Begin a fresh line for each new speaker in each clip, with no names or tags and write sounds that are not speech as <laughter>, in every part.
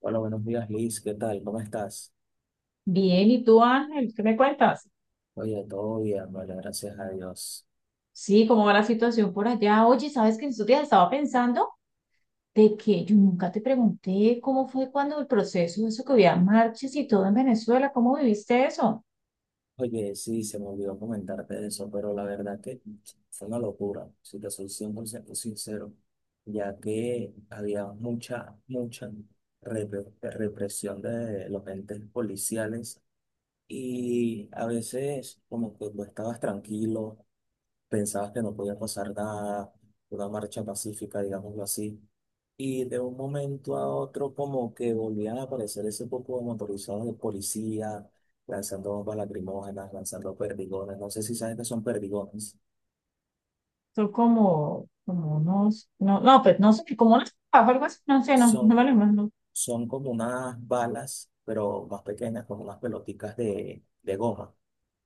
Hola, buenos días, Liz. ¿Qué tal? ¿Cómo estás?
Bien, ¿y tú, Ángel? ¿Qué me cuentas?
Oye, todo bien, vale, gracias a Dios.
Sí, ¿cómo va la situación por allá? Oye, ¿sabes que en estos días estaba pensando de que yo nunca te pregunté cómo fue cuando el proceso, eso que había marchas y todo en Venezuela? ¿Cómo viviste eso?
Oye, sí, se me olvidó comentarte de eso, pero la verdad que fue una locura, si te soy 100% sincero, ya que había mucha, mucha represión de los entes policiales y a veces como que tú estabas tranquilo pensabas que no podía pasar nada, una marcha pacífica, digámoslo así. Y de un momento a otro como que volvían a aparecer ese poco de motorizados de policía, lanzando bombas lacrimógenas, lanzando perdigones. No sé si sabes que son perdigones.
Son como, como unos, pues no sé, como unas papas, algo así, no sé, no me
Son,
lo imagino.
son como unas balas, pero más pequeñas, como unas pelotitas de goma.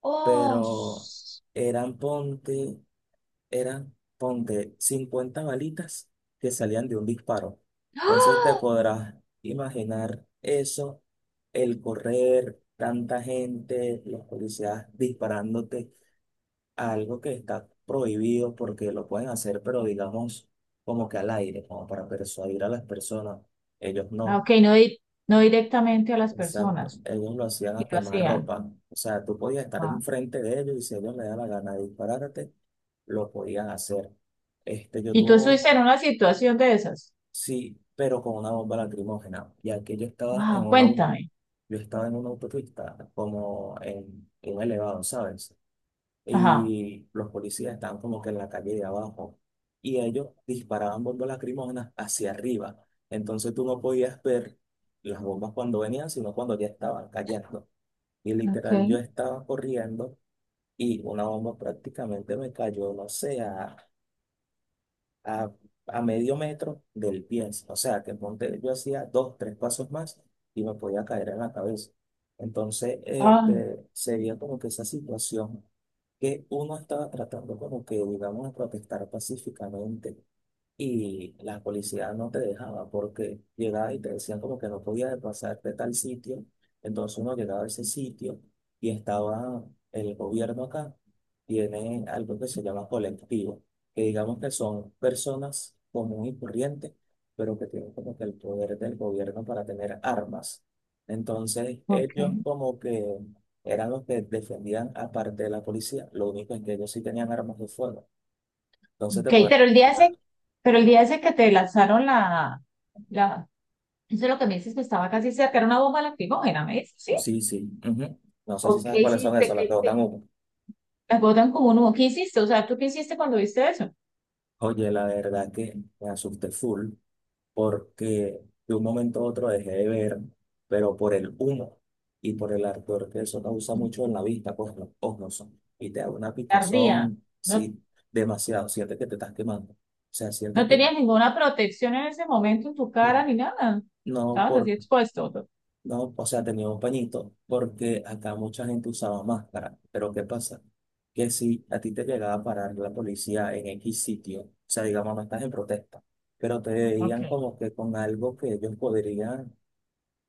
Oh,
Pero
sh-
eran, ponte, eran, ponte, 50 balitas que salían de un disparo. Entonces te
¡Ah!
podrás imaginar eso, el correr, tanta gente, los policías disparándote, algo que está prohibido porque lo pueden hacer, pero digamos como que al aire, como para persuadir a las personas. Ellos
Ah,
no.
ok, no directamente a las
Exacto.
personas,
Ellos lo hacían
y
a
lo
quemar
hacían.
ropa. O sea, tú podías estar
Wow.
enfrente de ellos y si a ellos les daba la gana de dispararte, lo podían hacer. Este, yo
¿Y tú
tuve,
estuviste en una situación de esas?
sí, pero con una bomba lacrimógena. Y aquí yo estaba en
Wow,
una,
cuéntame.
yo estaba en una autopista, como en un elevado, ¿sabes?
Ajá.
Y los policías estaban como que en la calle de abajo. Y ellos disparaban bombas lacrimógenas hacia arriba. Entonces tú no podías ver las bombas cuando venían, sino cuando ya estaban cayendo. Y literal, yo
Okay.
estaba corriendo y una bomba prácticamente me cayó, no sé, a, a medio metro del pie. O sea, que ponte, yo hacía dos, tres pasos más y me podía caer en la cabeza. Entonces,
Ah,
este, sería como que esa situación que uno estaba tratando como que, digamos, de protestar pacíficamente y la policía no te dejaba porque llegaba y te decían como que no podías pasar de tal sitio. Entonces uno llegaba a ese sitio y estaba el gobierno acá. Tiene algo que se llama colectivo, que digamos que son personas común y corriente pero que tienen como que el poder del gobierno para tener armas. Entonces ellos
okay.
como que eran los que defendían aparte de la policía. Lo único es que ellos sí tenían armas de fuego. Entonces te
Okay,
podrán...
pero el día ese que te lanzaron la, eso es lo que me dices que estaba casi cerca, era una bomba lacrimógena, ¿me dices? Sí.
Sí, sí. Ujú. No sé si
¿O
sabes
qué
cuáles son
hiciste?
esas, las que botan humo.
¿Las botan como un humo? ¿Qué hiciste? O sea, ¿tú qué hiciste cuando viste eso?
Oye, la verdad que me asusté full porque de un momento a otro dejé de ver, pero por el humo y por el ardor que eso causa mucho en la vista, pues los ojos son. Y te da una
Tardía.
picazón,
No,
sí, demasiado. Sientes que te estás quemando. O sea, sientes
no
que
tenías ninguna protección en ese momento en tu
mm,
cara ni nada.
no,
Estabas así
por
expuesto.
No, o sea, tenía un pañito, porque acá mucha gente usaba máscara. Pero ¿qué pasa? Que si a ti te llegaba a parar la policía en X sitio, o sea, digamos, no estás en protesta, pero te veían
Okay.
como que con algo que ellos podrían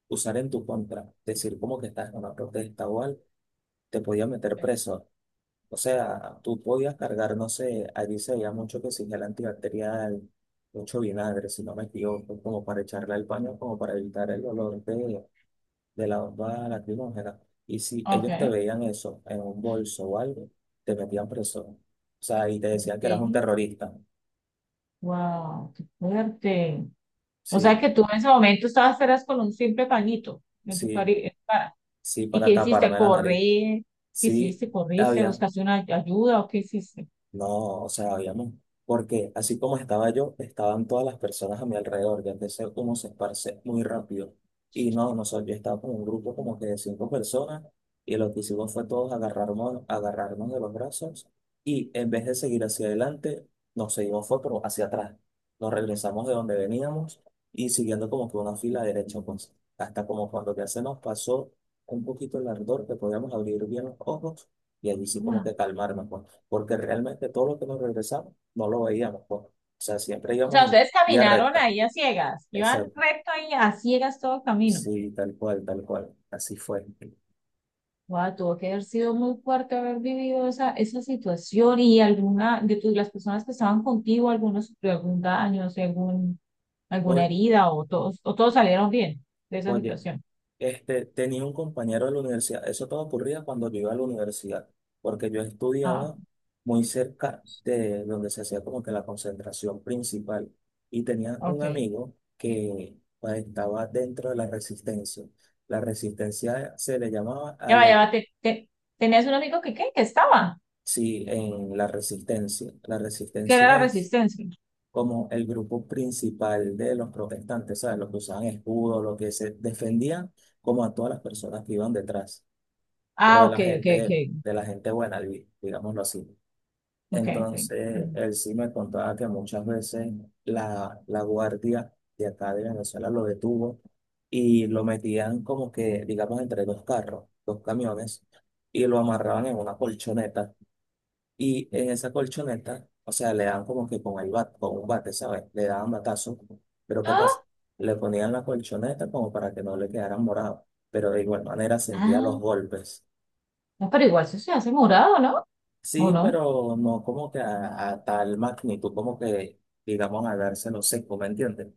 usar en tu contra, decir como que estás en una protesta o algo, te podían meter
Okay.
preso. O sea, tú podías cargar, no sé, allí se veía mucho que si gel antibacterial, mucho vinagre, si no me equivoco, como para echarle al paño, como para evitar el olor de la bomba lacrimógena. Y si ellos te
Okay.
veían eso en un bolso o algo, te metían preso. O sea, y te decían que eras un terrorista.
Wow, qué fuerte. O sea
Sí,
que tú en ese momento estabas eras con un simple pañito en
sí,
en tu cara.
sí,
¿Y qué
para
hiciste?
taparme la
¿Correr?
nariz.
¿Qué
Sí,
hiciste? ¿Corriste?
había
¿Buscaste una ayuda o qué hiciste?
No, o sea, habíamos, porque así como estaba yo, estaban todas las personas a mi alrededor, ya empecé como se esparce muy rápido. Y no, nosotros, yo estaba con un grupo como que de cinco personas, y lo que hicimos fue todos agarrarnos, agarrarnos de los brazos, y en vez de seguir hacia adelante, nos seguimos fue pero hacia atrás. Nos regresamos de donde veníamos, y siguiendo como que una fila derecha, pues, hasta como cuando ya se nos pasó un poquito el ardor, que podíamos abrir bien los ojos, y allí sí como que
Wow.
calmarnos, pues porque realmente todo lo que nos regresamos no lo veíamos, pues. O sea, siempre
O
íbamos
sea,
en
ustedes
vía
caminaron
recta.
ahí a ciegas, iban
Exacto.
recto ahí a ciegas todo el camino.
Sí, tal cual, tal cual. Así fue.
Wow, tuvo que haber sido muy fuerte haber vivido esa situación, y alguna de tus, las personas que estaban contigo, algunos sufrió algún daño, o sea, algún, alguna
Oy-
herida, o todos salieron bien de esa
Oye,
situación.
este, tenía un compañero de la universidad. Eso todo ocurría cuando yo iba a la universidad, porque yo
Ah,
estudiaba muy cerca de donde se hacía como que la concentración principal. Y tenía un
ok.
amigo que pues, estaba dentro de la resistencia. La resistencia se le llamaba a
Ya va, ya
los
va, te- te- tenías un amigo que, ¿qué? Que estaba,
Sí, en la resistencia. La
que era la
resistencia es
resistencia.
como el grupo principal de los protestantes, ¿sabes? Los que usaban escudo, los que se defendían como a todas las personas que iban detrás, pero
Ah, ok, ok, ok,
de la gente buena, digámoslo así.
ok, ok. Ajá.
Entonces, él sí me contaba que muchas veces la guardia de acá de Venezuela lo detuvo y lo metían como que, digamos, entre dos carros, dos camiones, y lo amarraban en una colchoneta y en esa colchoneta, o sea, le dan como que con el con un bate, ¿sabes? Le daban batazo. Pero ¿qué pasa?
Ah,
Le ponían la colchoneta como para que no le quedaran morados. Pero de igual manera sentía los
ah,
golpes.
no, pero igual eso se hace morado, ¿no? ¿O
Sí,
no?
pero no como que a tal magnitud, como que, digamos, al dárselo seco, ¿me entiendes?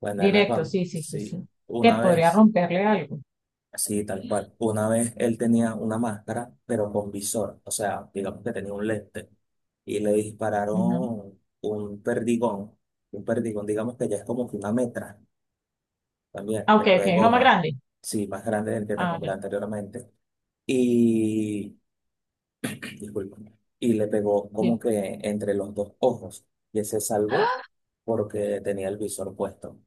Bueno, él me
Directo,
contó,
sí, sí, sí,
sí,
sí. Que
una
podría
vez.
romperle algo.
Sí, tal cual. Una vez él tenía una máscara, pero con visor, o sea, digamos que tenía un lente, y le
Ujú.
dispararon un perdigón, digamos que ya es como que una metra también,
Ah, ok,
pero
ok,
de
uno más
goma,
grande.
sí, más grande del que te
Ah, ya.
nombré anteriormente. Y, <clears throat> disculpa, y le pegó
Sí.
como que entre los dos ojos, y él se salvó porque tenía el visor puesto.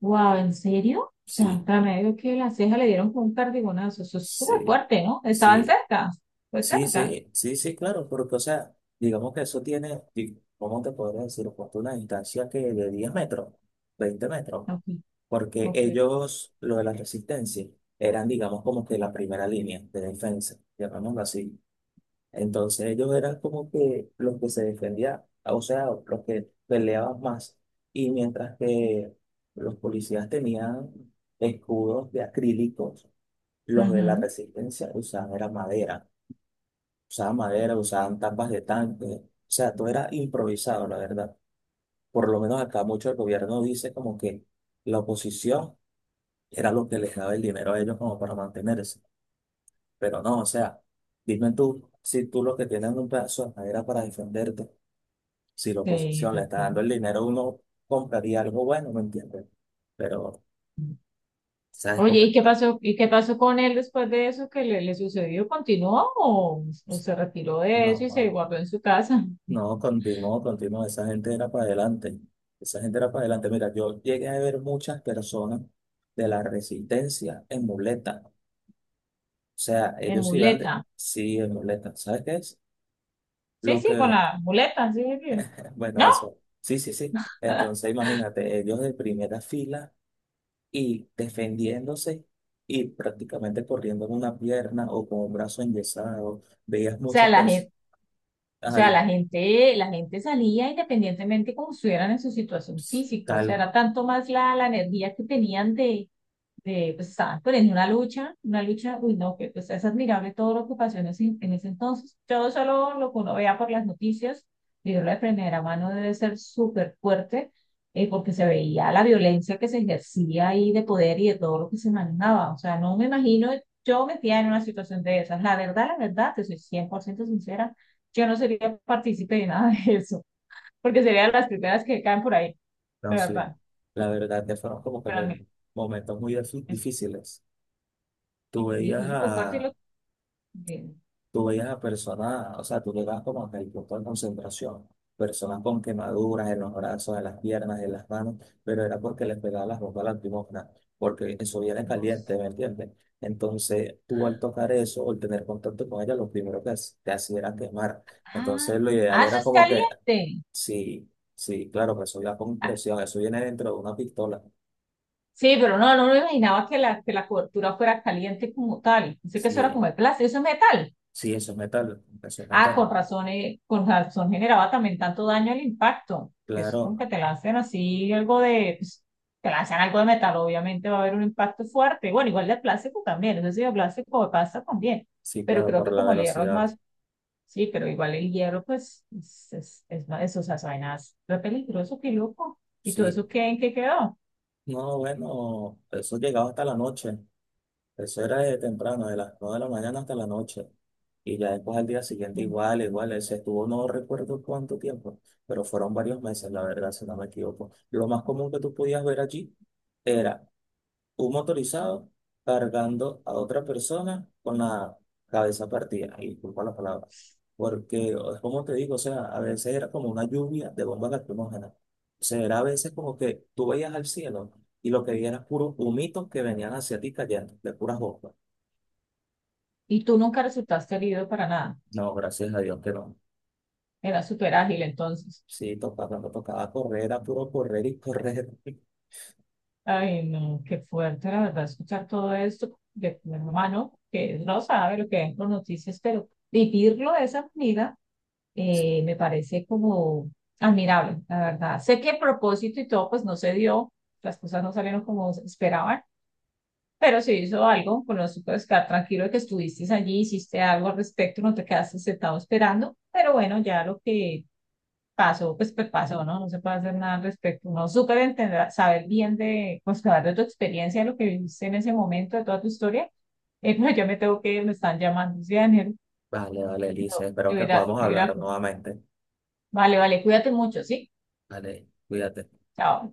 Wow, ¿en serio?
Sí,
Santa medio que la ceja le dieron con un cardigonazo. Eso es súper
sí,
fuerte, ¿no? Estaban
sí.
cerca, pues
Sí,
cerca.
sí, sí, sí, claro, porque, o sea, digamos que eso tiene, ¿cómo te podría decir? Pues, una distancia que de 10 metros, 20 metros,
Ok,
porque
ok.
ellos, lo de la resistencia, eran, digamos, como que la primera línea de defensa, llamémoslo así. Entonces ellos eran como que los que se defendían, o sea, los que peleaban más, y mientras que los policías tenían escudos de acrílicos, los de la
Ujú.
resistencia usaban era madera usaban madera, usaban tapas de tanque, o sea, todo era improvisado, la verdad. Por lo menos acá mucho el gobierno dice como que la oposición era lo que les daba el dinero a ellos como para mantenerse, pero no, o sea, dime tú, si tú lo que tienes es un pedazo de madera para defenderte, si la
Sí,
oposición le está
doctor.
dando el dinero, uno compraría algo bueno, ¿me entiendes? Pero, ¿sabes
Oye,
cómo
¿y
es?
qué
¿Todo?
pasó? ¿Y qué pasó con él después de eso que le sucedió? ¿Continuó o se retiró de eso
No,
y se
no.
guardó en su casa
No, continuó, continuó. Esa gente era para adelante. Esa gente era para adelante. Mira, yo llegué a ver muchas personas de la resistencia en muleta. O sea,
<laughs> en
ellos iban de...
muleta?
Sí, en muleta. ¿Sabes qué es?
Sí,
Lo
sí, con
que...
la muleta, sí, sí.
Bueno,
¿No?
eso. Sí, sí, sí.
<laughs>
Entonces, imagínate, ellos de primera fila y defendiéndose y prácticamente corriendo en una pierna o con un brazo enyesado. Veías
O sea,
muchas
la gente,
personas.
la gente salía independientemente como estuvieran en su situación física. O sea,
Tal.
era tanto más la energía que tenían de pues, estaban poniendo una lucha, uy, no, que pues es admirable todo lo que en en ese entonces. Yo solo lo que uno vea por las noticias, vivirlo de primera mano debe ser súper fuerte, porque se veía la violencia que se ejercía ahí de poder y de todo lo que se manejaba. O sea, no me imagino yo metía en una situación de esas. La verdad, te soy 100% sincera, yo no sería partícipe de nada de eso, porque serían las primeras que caen por ahí,
No,
de
sí,
verdad.
la verdad que fueron como que
Pero a
muy,
mí,
momentos muy
es-
difíciles. Tú
sí,
veías
fue súper fuerte y
a,
de-
tú veías a personas, o sea, tú le llegabas como que el punto de concentración, personas con quemaduras en los brazos, en las piernas, en las manos, pero era porque les pegaba las bombas lacrimógenas, porque eso viene caliente,
Los-
¿me entiendes? Entonces, tú al tocar eso o al tener contacto con ella, lo primero que te hacía era quemar.
ah,
Entonces, lo ideal
ah, eso
era
es
como que,
caliente.
sí, sí, claro, que eso iba con
Ah,
presión, eso viene dentro de una pistola.
sí, pero no, no me imaginaba que que la cobertura fuera caliente como tal. Pensé que eso era como de
Sí,
plástico, eso es metal.
sí, eso es metal, eso es
Ah,
metal.
con razón generaba también tanto daño el impacto. Que eso
Claro,
como que te lanzan así algo de, pues, te lanzan algo de metal, obviamente va a haber un impacto fuerte. Bueno, igual de plástico también, eso sí, de plástico pasa también.
sí,
Pero
claro,
creo
por
que
la
como el hierro es
velocidad.
más. Sí, pero igual el hierro, pues, es una de esas vainas re peligroso, qué loco. ¿Y todo
Sí.
eso qué, en qué quedó?
No, bueno, eso llegaba hasta la noche. Eso era de temprano, de las 9 de la mañana hasta la noche. Y ya después al día siguiente igual, igual, ese estuvo, no recuerdo cuánto tiempo, pero fueron varios meses, la verdad, si no me equivoco. Lo más común que tú podías ver allí era un motorizado cargando a otra persona con la cabeza partida, y disculpa la palabra, porque como te digo, o sea, a veces era como una lluvia de bombas lacrimógenas, o sea, era a veces como que tú veías al cielo y lo que veías era puros humitos que venían hacia ti cayendo, de puras bombas.
¿Y tú nunca resultaste herido para nada?
No, gracias a Dios que no.
Era súper ágil entonces.
Sí, tocaba, cuando tocaba correr, era puro correr y correr. <laughs>
Ay, no, qué fuerte, la verdad, escuchar todo esto de mi hermano, que no sabe lo que ven por noticias, pero vivirlo de esa manera,
Sí.
me parece como admirable, la verdad. Sé que el propósito y todo, pues, no se dio, las cosas no salieron como esperaban. Pero se hizo algo, con eso puedes quedar tranquilo de que estuviste allí, hiciste algo al respecto, no te quedaste sentado esperando, pero bueno, ya lo que pasó, pues, pasó, ¿no? No se puede hacer nada al respecto. Uno súper entenderá, saber bien de, pues, saber de tu experiencia, de lo que viviste en ese momento, de toda tu historia. <laughs> No, yo me tengo que ir, me están llamando, sí, Daniel.
Vale, vale, Elisa,
No,
espero
de
que
verdad,
podamos
de verdad.
hablar nuevamente.
Vale, vale, cuídate mucho, ¿sí?
Vale, cuídate.
Chao.